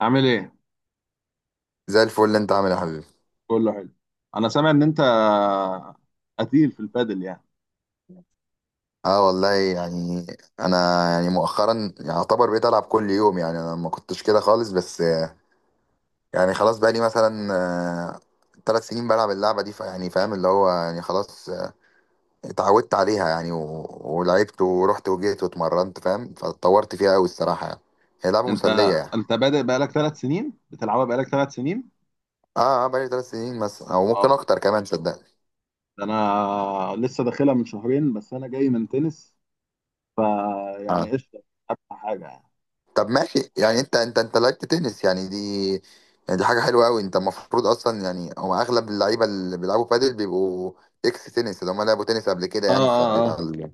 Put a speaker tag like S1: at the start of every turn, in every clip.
S1: عامل ايه؟
S2: زي الفل، انت عامل ايه يا حبيبي؟
S1: كله حلو. انا سامع ان انت قتيل في البادل يعني.
S2: اه والله يعني انا يعني مؤخرا يعتبر بقيت العب كل يوم. يعني انا ما كنتش كده خالص بس يعني خلاص بقى لي مثلا ثلاث سنين بلعب اللعبه دي. فيعني فاهم اللي هو يعني خلاص، اتعودت عليها يعني ولعبت ورحت وجيت واتمرنت، فاهم، فاتطورت فيها قوي الصراحه يعني. هي لعبه
S1: انت
S2: مسليه يعني.
S1: انت بادئ بقالك 3 سنين بتلعبها بقالك 3 سنين.
S2: اه اه، بقى لي ثلاث سنين مثلا او ممكن
S1: واو،
S2: اكتر كمان صدقني.
S1: ده انا لسه داخلها من شهرين بس، انا جاي من تنس. فيعني
S2: آه.
S1: قشطه ابقى حاجه يعني.
S2: طب ماشي، يعني انت لعبت تنس يعني، دي يعني دي حاجه حلوه قوي. انت المفروض اصلا يعني هو اغلب اللعيبه اللي بيلعبوا بادل بيبقوا اكس تنس، اللي هم لعبوا تنس قبل كده.
S1: اه،
S2: يعني
S1: اه،
S2: فبيبقى
S1: اه.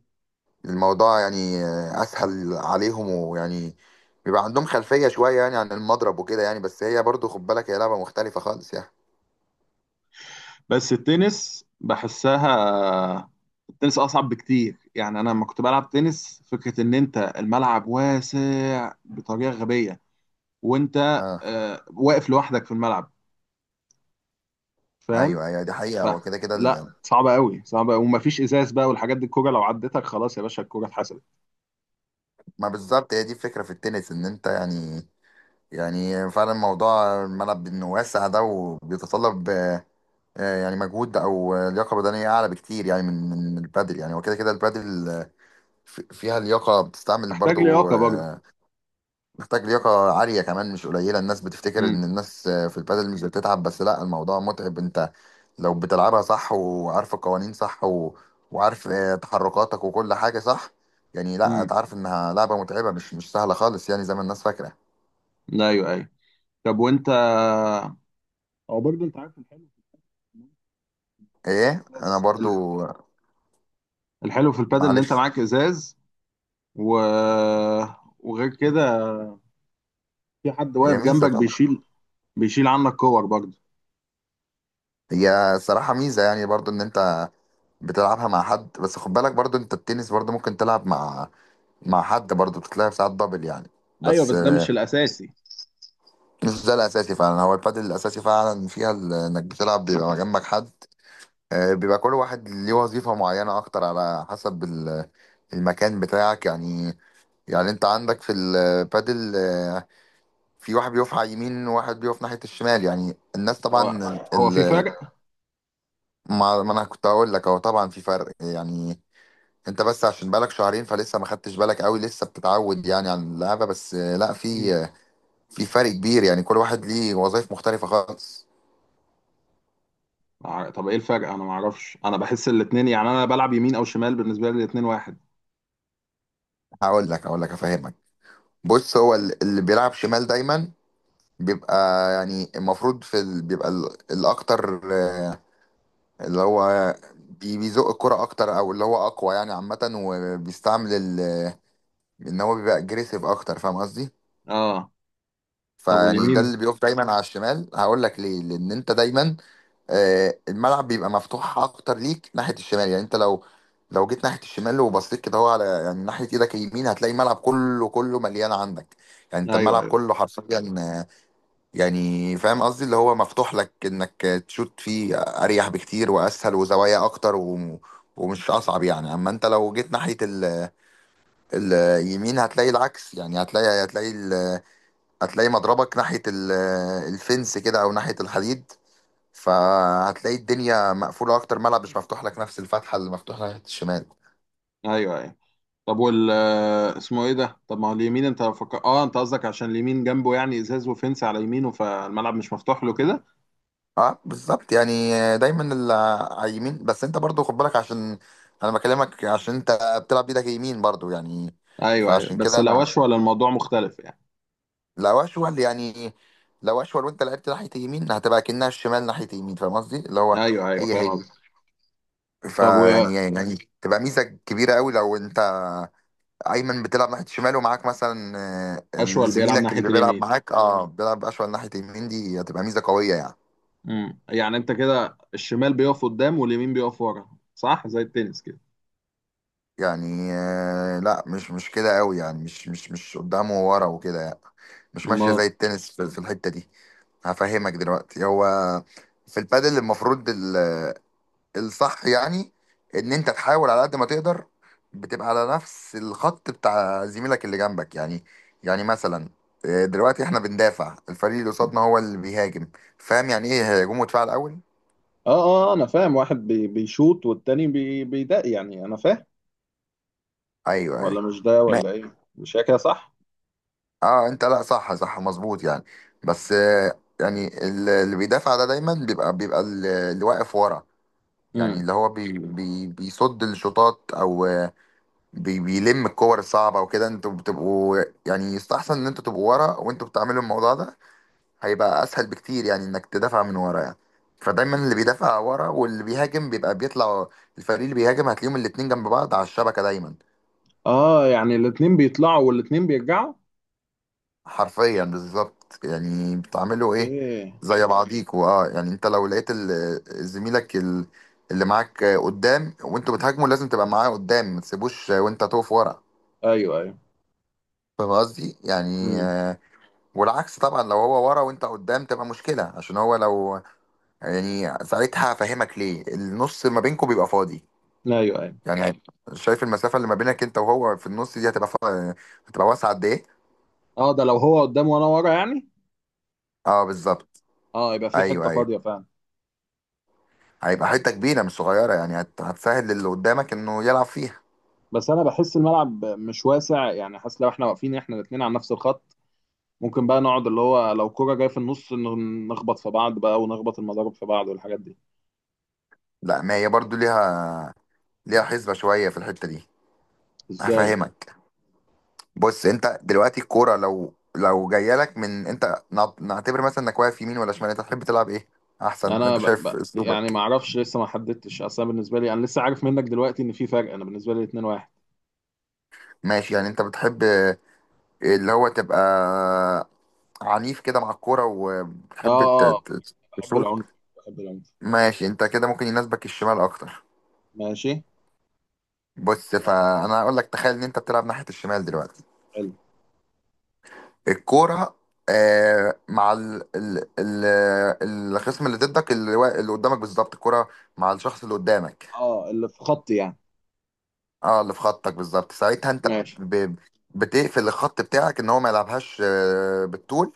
S2: الموضوع يعني اسهل عليهم، ويعني بيبقى عندهم خلفيه شويه يعني عن المضرب وكده. يعني بس هي برضو خد بالك، هي لعبه مختلفه خالص يعني.
S1: بس التنس بحسها، التنس اصعب بكتير يعني. انا لما كنت بلعب تنس فكره ان انت الملعب واسع بطريقه غبيه، وانت
S2: اه
S1: واقف لوحدك في الملعب، فاهم؟
S2: ايوه ايوه، دي حقيقه.
S1: ف...
S2: هو كده كده
S1: لا، صعبة قوي، صعبة قوي ومفيش ازاز بقى والحاجات دي، الكوره لو عدتك خلاص يا باشا الكوره اتحسبت.
S2: ما بالظبط هي دي الفكره في التنس، ان انت يعني يعني فعلا موضوع الملعب انه واسع ده، وبيتطلب يعني مجهود، او لياقه بدنيه اعلى بكتير يعني من البادل. يعني وكده كده البادل فيها لياقه بتستعمل
S1: محتاج
S2: برضو،
S1: لياقه برضه.
S2: محتاج لياقه عاليه كمان، مش قليله. الناس بتفتكر
S1: امم،
S2: ان الناس في البادل مش بتتعب، بس لا، الموضوع متعب. انت لو بتلعبها صح، وعارف القوانين صح، وعارف تحركاتك وكل حاجه صح، يعني لا
S1: امم،
S2: هتعرف انها لعبه متعبه، مش سهله خالص يعني زي ما الناس فاكره.
S1: ايوه، ايوه. طب وانت، او برضه انت عارف الحلو في
S2: ايه انا
S1: الازاز،
S2: برضو؟
S1: الحلو في البادل ان انت
S2: معلش.
S1: معاك ازاز و... وغير كده في حد
S2: هي
S1: واقف
S2: ميزه
S1: جنبك
S2: طبعا.
S1: بيشيل عنك كور برضه.
S2: هي صراحه ميزه يعني برضو ان انت بتلعبها مع حد. بس خد بالك برضو، انت التنس برضو ممكن تلعب مع حد برضو، بتتلعب ساعات دبل يعني،
S1: ايوه،
S2: بس
S1: بس ده مش الاساسي.
S2: مش ده الاساسي فعلا. هو البادل الاساسي فعلا فيها انك بتلعب بيبقى جنبك حد بيبقى كل واحد ليه وظيفه معينه اكتر على حسب المكان بتاعك يعني. يعني انت عندك في البادل في واحد بيقف على اليمين، وواحد بيقف ناحيه الشمال. يعني الناس
S1: هو
S2: طبعا،
S1: هو في فرق.
S2: ما انا كنت هقول لك، هو طبعا في فرق يعني. انت بس عشان بقالك شهرين فلسه ما خدتش بالك قوي، لسه بتتعود يعني على اللعبه، بس لا في
S1: مم.
S2: في فرق كبير يعني، كل واحد ليه وظائف مختلفه خالص.
S1: طب ايه الفرق؟ انا ما اعرفش، انا بحس الاتنين يعني. انا بلعب يمين او شمال بالنسبه لي الاتنين واحد.
S2: هقول لك افهمك. بص، هو اللي بيلعب شمال دايما بيبقى يعني المفروض في بيبقى الاكتر اللي هو بيزق الكرة اكتر، او اللي هو اقوى يعني عامه، وبيستعمل ان هو بيبقى اجريسيف اكتر، فاهم قصدي.
S1: اه. طب
S2: فيعني ده
S1: واليمين؟
S2: اللي بيقف دايما على الشمال. هقول لك ليه، لان انت دايما الملعب بيبقى مفتوح اكتر ليك ناحيه الشمال. يعني انت لو جيت ناحيه الشمال وبصيت كده، هو على يعني ناحيه ايدك اليمين، هتلاقي الملعب كله كله مليان عندك. يعني انت
S1: ايوه،
S2: الملعب
S1: ايوه،
S2: كله حرفيا يعني، فاهم قصدي، اللي هو مفتوح لك انك تشوت فيه اريح بكتير واسهل، وزوايا اكتر، و ومش اصعب يعني. اما انت لو جيت ناحيه اليمين، هتلاقي العكس. يعني هتلاقي مضربك ناحية الفنس كده، أو ناحية الحديد. فهتلاقي الدنيا مقفولة أكتر، ملعب مش مفتوح لك نفس الفتحة اللي مفتوحة ناحية الشمال.
S1: ايوه، ايوه. طب وال آه، اسمه ايه ده؟ طب ما هو اليمين، انت اه، انت قصدك عشان اليمين جنبه يعني ازاز وفنس على يمينه فالملعب مش مفتوح له كده.
S2: اه بالظبط يعني، دايما اللي على اليمين. بس انت برضو خد بالك، عشان انا بكلمك عشان انت بتلعب بايدك يمين برضو يعني.
S1: ايوه، ايوه،
S2: فعشان
S1: بس
S2: كده،
S1: لو
S2: انا
S1: اشول الموضوع مختلف يعني.
S2: لو اشول يعني، لو اشول وانت لعبت ناحية يمين، هتبقى كأنها الشمال ناحية يمين، فاهم قصدي، اللي هو
S1: ايوه، ايوه،
S2: هي
S1: فاهم
S2: هي.
S1: قصدك. طب
S2: فيعني تبقى ميزة كبيرة قوي لو انت ايمن بتلعب ناحيه شمال، ومعاك مثلا آه،
S1: واشول بيلعب
S2: زميلك
S1: ناحيه
S2: اللي بيلعب
S1: اليمين.
S2: معاك، اه، بيلعب اشول ناحيه يمين، دي هتبقى ميزه قويه يعني.
S1: يعني انت كده الشمال بيقف قدام واليمين بيقف ورا، صح؟ زي التنس كده.
S2: يعني آه، لا، مش كده قوي. يعني مش قدامه وورا وكده يعني. مش
S1: ما،
S2: ماشيه
S1: اه،
S2: زي التنس في الحته دي. هفهمك دلوقتي، هو في البادل المفروض الصح يعني ان انت تحاول على قد ما تقدر، بتبقى على نفس الخط بتاع زميلك اللي جنبك. يعني يعني مثلا دلوقتي احنا بندافع، الفريق اللي قصادنا هو اللي بيهاجم. فاهم يعني ايه هجوم ودفاع الاول؟
S1: اه، انا فاهم. واحد بيشوط والتاني بيدق، يعني انا فاهم.
S2: ايوه
S1: ولا
S2: ايوه
S1: مش ده
S2: ما-
S1: ولا ايه؟ مش هي كده صح؟
S2: اه انت، لا صح، صح مظبوط يعني. بس يعني اللي بيدافع ده دايما بيبقى اللي واقف ورا، يعني اللي هو بي بي بيصد الشوطات، او بيلم الكور الصعبة وكده. انتوا بتبقوا يعني يستحسن ان انتوا تبقوا ورا وانتوا بتعملوا الموضوع ده. هيبقى اسهل بكتير يعني انك تدافع من ورا يعني. فدايما اللي بيدافع ورا، واللي بيهاجم بيبقى بيطلع، الفريق اللي بيهاجم هتلاقيهم الاتنين جنب بعض على الشبكة دايما.
S1: اه، يعني الاتنين بيطلعوا والاتنين بيرجعوا.
S2: حرفيا بالظبط، يعني بتعملوا ايه
S1: اوكي.
S2: زي بعضيكوا. اه، يعني انت لو لقيت زميلك اللي معاك قدام وانتوا بتهاجموا، لازم تبقى معاه قدام، ما تسيبوش وانت تقف ورا.
S1: ايوه، ايوه.
S2: فاهم قصدي يعني
S1: امم،
S2: والعكس طبعا، لو هو ورا وانت قدام تبقى مشكلة، عشان هو لو يعني ساعتها هفهمك ليه النص ما بينكم بيبقى فاضي
S1: ايوه، ايوه.
S2: يعني. شايف المسافة اللي ما بينك انت وهو في النص دي، هتبقى هتبقى واسعة قد ايه؟
S1: اه، ده لو هو قدام وانا ورا يعني.
S2: اه بالظبط.
S1: اه، يبقى في حته
S2: ايوه ايوه،
S1: فاضيه فعلا.
S2: هيبقى حتة كبيرة مش صغيرة، يعني هتسهل للي قدامك انه يلعب فيها.
S1: بس انا بحس الملعب مش واسع يعني، حاسس لو احنا واقفين احنا الاتنين على نفس الخط ممكن بقى نقعد اللي هو لو كرة جايه في النص نخبط في بعض بقى ونخبط المضارب في بعض والحاجات دي.
S2: لا، ما هي برضو ليها حسبة شوية في الحتة دي.
S1: ازاي؟
S2: هفهمك. بص، انت دلوقتي الكوره لو جايه لك من، انت نعتبر مثلا انك واقف يمين ولا شمال، انت تحب تلعب ايه، احسن،
S1: انا
S2: انت شايف
S1: يعني
S2: اسلوبك؟
S1: ما اعرفش، لسه ما حددتش اصلا بالنسبه لي. انا لسه عارف منك دلوقتي ان في فرق. انا بالنسبه لي 2 1.
S2: ماشي، يعني انت بتحب اللي هو تبقى عنيف كده مع الكوره
S1: اه،
S2: وبتحب
S1: اه، آه. بحب
S2: تشوت.
S1: العنف، بحب العنف.
S2: ماشي، انت كده ممكن يناسبك الشمال اكتر.
S1: ماشي.
S2: بص، فانا هقول لك، تخيل ان انت بتلعب ناحيه الشمال دلوقتي.
S1: حلو.
S2: الكوره اه، مع ال ال ال الخصم اللي ضدك، اللي اللي قدامك بالظبط، الكوره مع الشخص اللي قدامك.
S1: اه، اللي في خطي يعني.
S2: اه، اللي في خطك بالظبط، ساعتها انت
S1: ماشي.
S2: بتقفل الخط بتاعك ان هو ما يلعبهاش بالطول،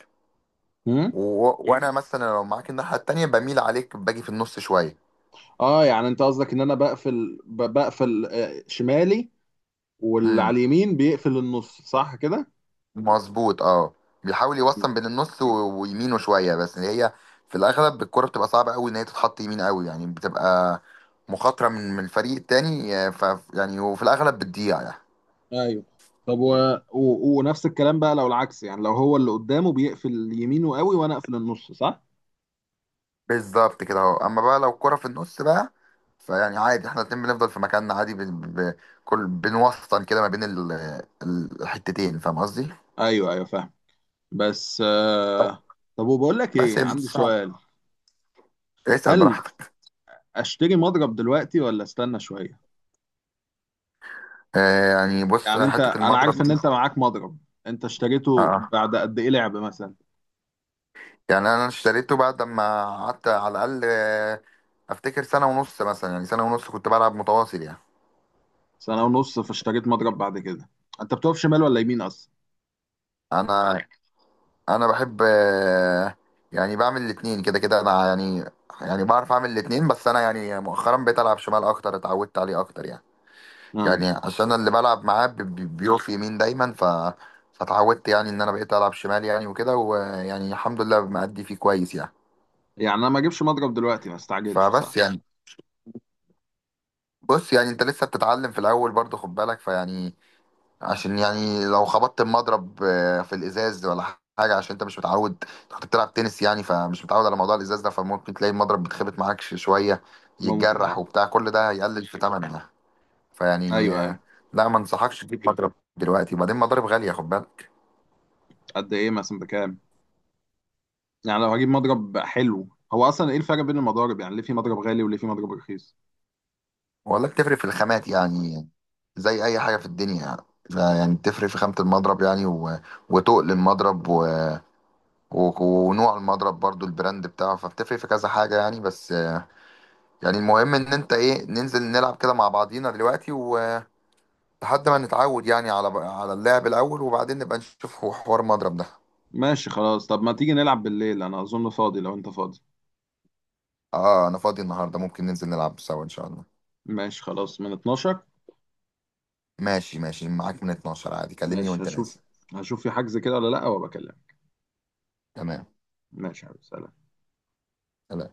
S1: امم،
S2: وانا مثلا لو معاك الناحيه التانيه بميل عليك، باجي في النص شويه.
S1: اه، يعني انت قصدك ان انا بقفل بقفل شمالي واللي
S2: امم
S1: على اليمين بيقفل النص، صح كده؟
S2: مظبوط اه. بيحاول
S1: مم.
S2: يوصل بين النص ويمينه شويه، بس اللي هي في الاغلب الكره بتبقى صعبه قوي ان هي تتحط يمين قوي، يعني بتبقى مخاطره من الفريق التاني آه، ف يعني وفي الاغلب بتضيع يعني.
S1: ايوه. طب ونفس الكلام بقى لو العكس يعني. لو هو اللي قدامه بيقفل يمينه قوي وانا اقفل النص، صح؟
S2: بالظبط كده اهو. اما بقى لو كرة في النص بقى، فيعني عادي احنا الاتنين بنفضل في مكاننا عادي، ب... كل بنوسطن كده ما بين الحتتين، فاهم قصدي.
S1: ايوه، ايوه، فاهم. بس
S2: ب-
S1: طب وبقول لك
S2: بس
S1: ايه،
S2: هي مش
S1: عندي
S2: صعب.
S1: سؤال.
S2: اسأل
S1: هل
S2: براحتك.
S1: اشتري مضرب دلوقتي ولا استنى شوية؟
S2: آه يعني، بص،
S1: يعني انت،
S2: حتة
S1: انا عارف
S2: المضرب
S1: ان
S2: دي،
S1: انت معاك مضرب، انت
S2: اه
S1: اشتريته
S2: آه.
S1: بعد قد ايه لعب مثلا؟
S2: يعني انا اشتريته بعد ما قعدت على الاقل افتكر سنة ونص مثلا، يعني سنة ونص كنت بلعب متواصل يعني.
S1: سنة ونص فاشتريت مضرب بعد كده. انت بتقف شمال ولا يمين اصلا؟
S2: انا انا بحب يعني بعمل الاتنين كده كده انا يعني. يعني بعرف اعمل الاتنين، بس انا يعني مؤخرا بقيت العب شمال اكتر، اتعودت عليه اكتر يعني.
S1: امم.
S2: يعني عشان اللي بلعب معاه بيقف يمين دايما، فاتعودت يعني ان انا بقيت العب شمال، يعني وكده، ويعني الحمد لله مأدي فيه كويس يعني.
S1: يعني انا ما اجيبش مضرب دلوقتي، ما استعجلش،
S2: فبس
S1: صح؟
S2: يعني، بص، يعني انت لسه بتتعلم في الاول برضه، خد بالك فيعني، عشان يعني لو خبطت المضرب في الازاز ولا حاجه، عشان انت مش متعود. انت كنت بتلعب تنس يعني، فمش متعود على موضوع الازاز ده، فممكن تلاقي المضرب بيتخبط معاك شويه،
S1: ممكن
S2: يتجرح
S1: اه.
S2: وبتاع، كل ده هيقلل في ثمنها. فيعني
S1: ايوه، ايوه.
S2: لا ما انصحكش تجيب مضرب دلوقتي. وبعدين مضارب غاليه خد بالك.
S1: قد ايه مثلا؟ بكام؟ يعني لو هجيب مضرب حلو، هو اصلا ايه الفرق بين المضارب يعني؟ ليه في مضرب غالي وليه في مضرب رخيص؟
S2: ولا بتفرق في الخامات، يعني زي اي حاجه في الدنيا يعني. فيعني بتفرق في خامه المضرب، يعني وتقل المضرب، و... ونوع المضرب برضو، البراند بتاعه، فبتفرق في كذا حاجه يعني. بس يعني المهم ان انت ايه، ننزل نلعب كده مع بعضينا دلوقتي، ولحد ما نتعود يعني على اللعب الاول، وبعدين نبقى نشوف هو حوار مضرب ده.
S1: ماشي خلاص. طب ما تيجي نلعب بالليل؟ انا اظن فاضي لو انت فاضي.
S2: اه انا فاضي النهارده، ممكن ننزل نلعب سوا ان شاء الله.
S1: ماشي خلاص، من 12.
S2: ماشي ماشي، معاك من 12 عادي، كلمني
S1: ماشي،
S2: وانت
S1: هشوف.
S2: نازل.
S1: هشوف في حجز كده ولا لا وبكلمك.
S2: تمام.
S1: ماشي يا حبيبي، سلام.
S2: سلام.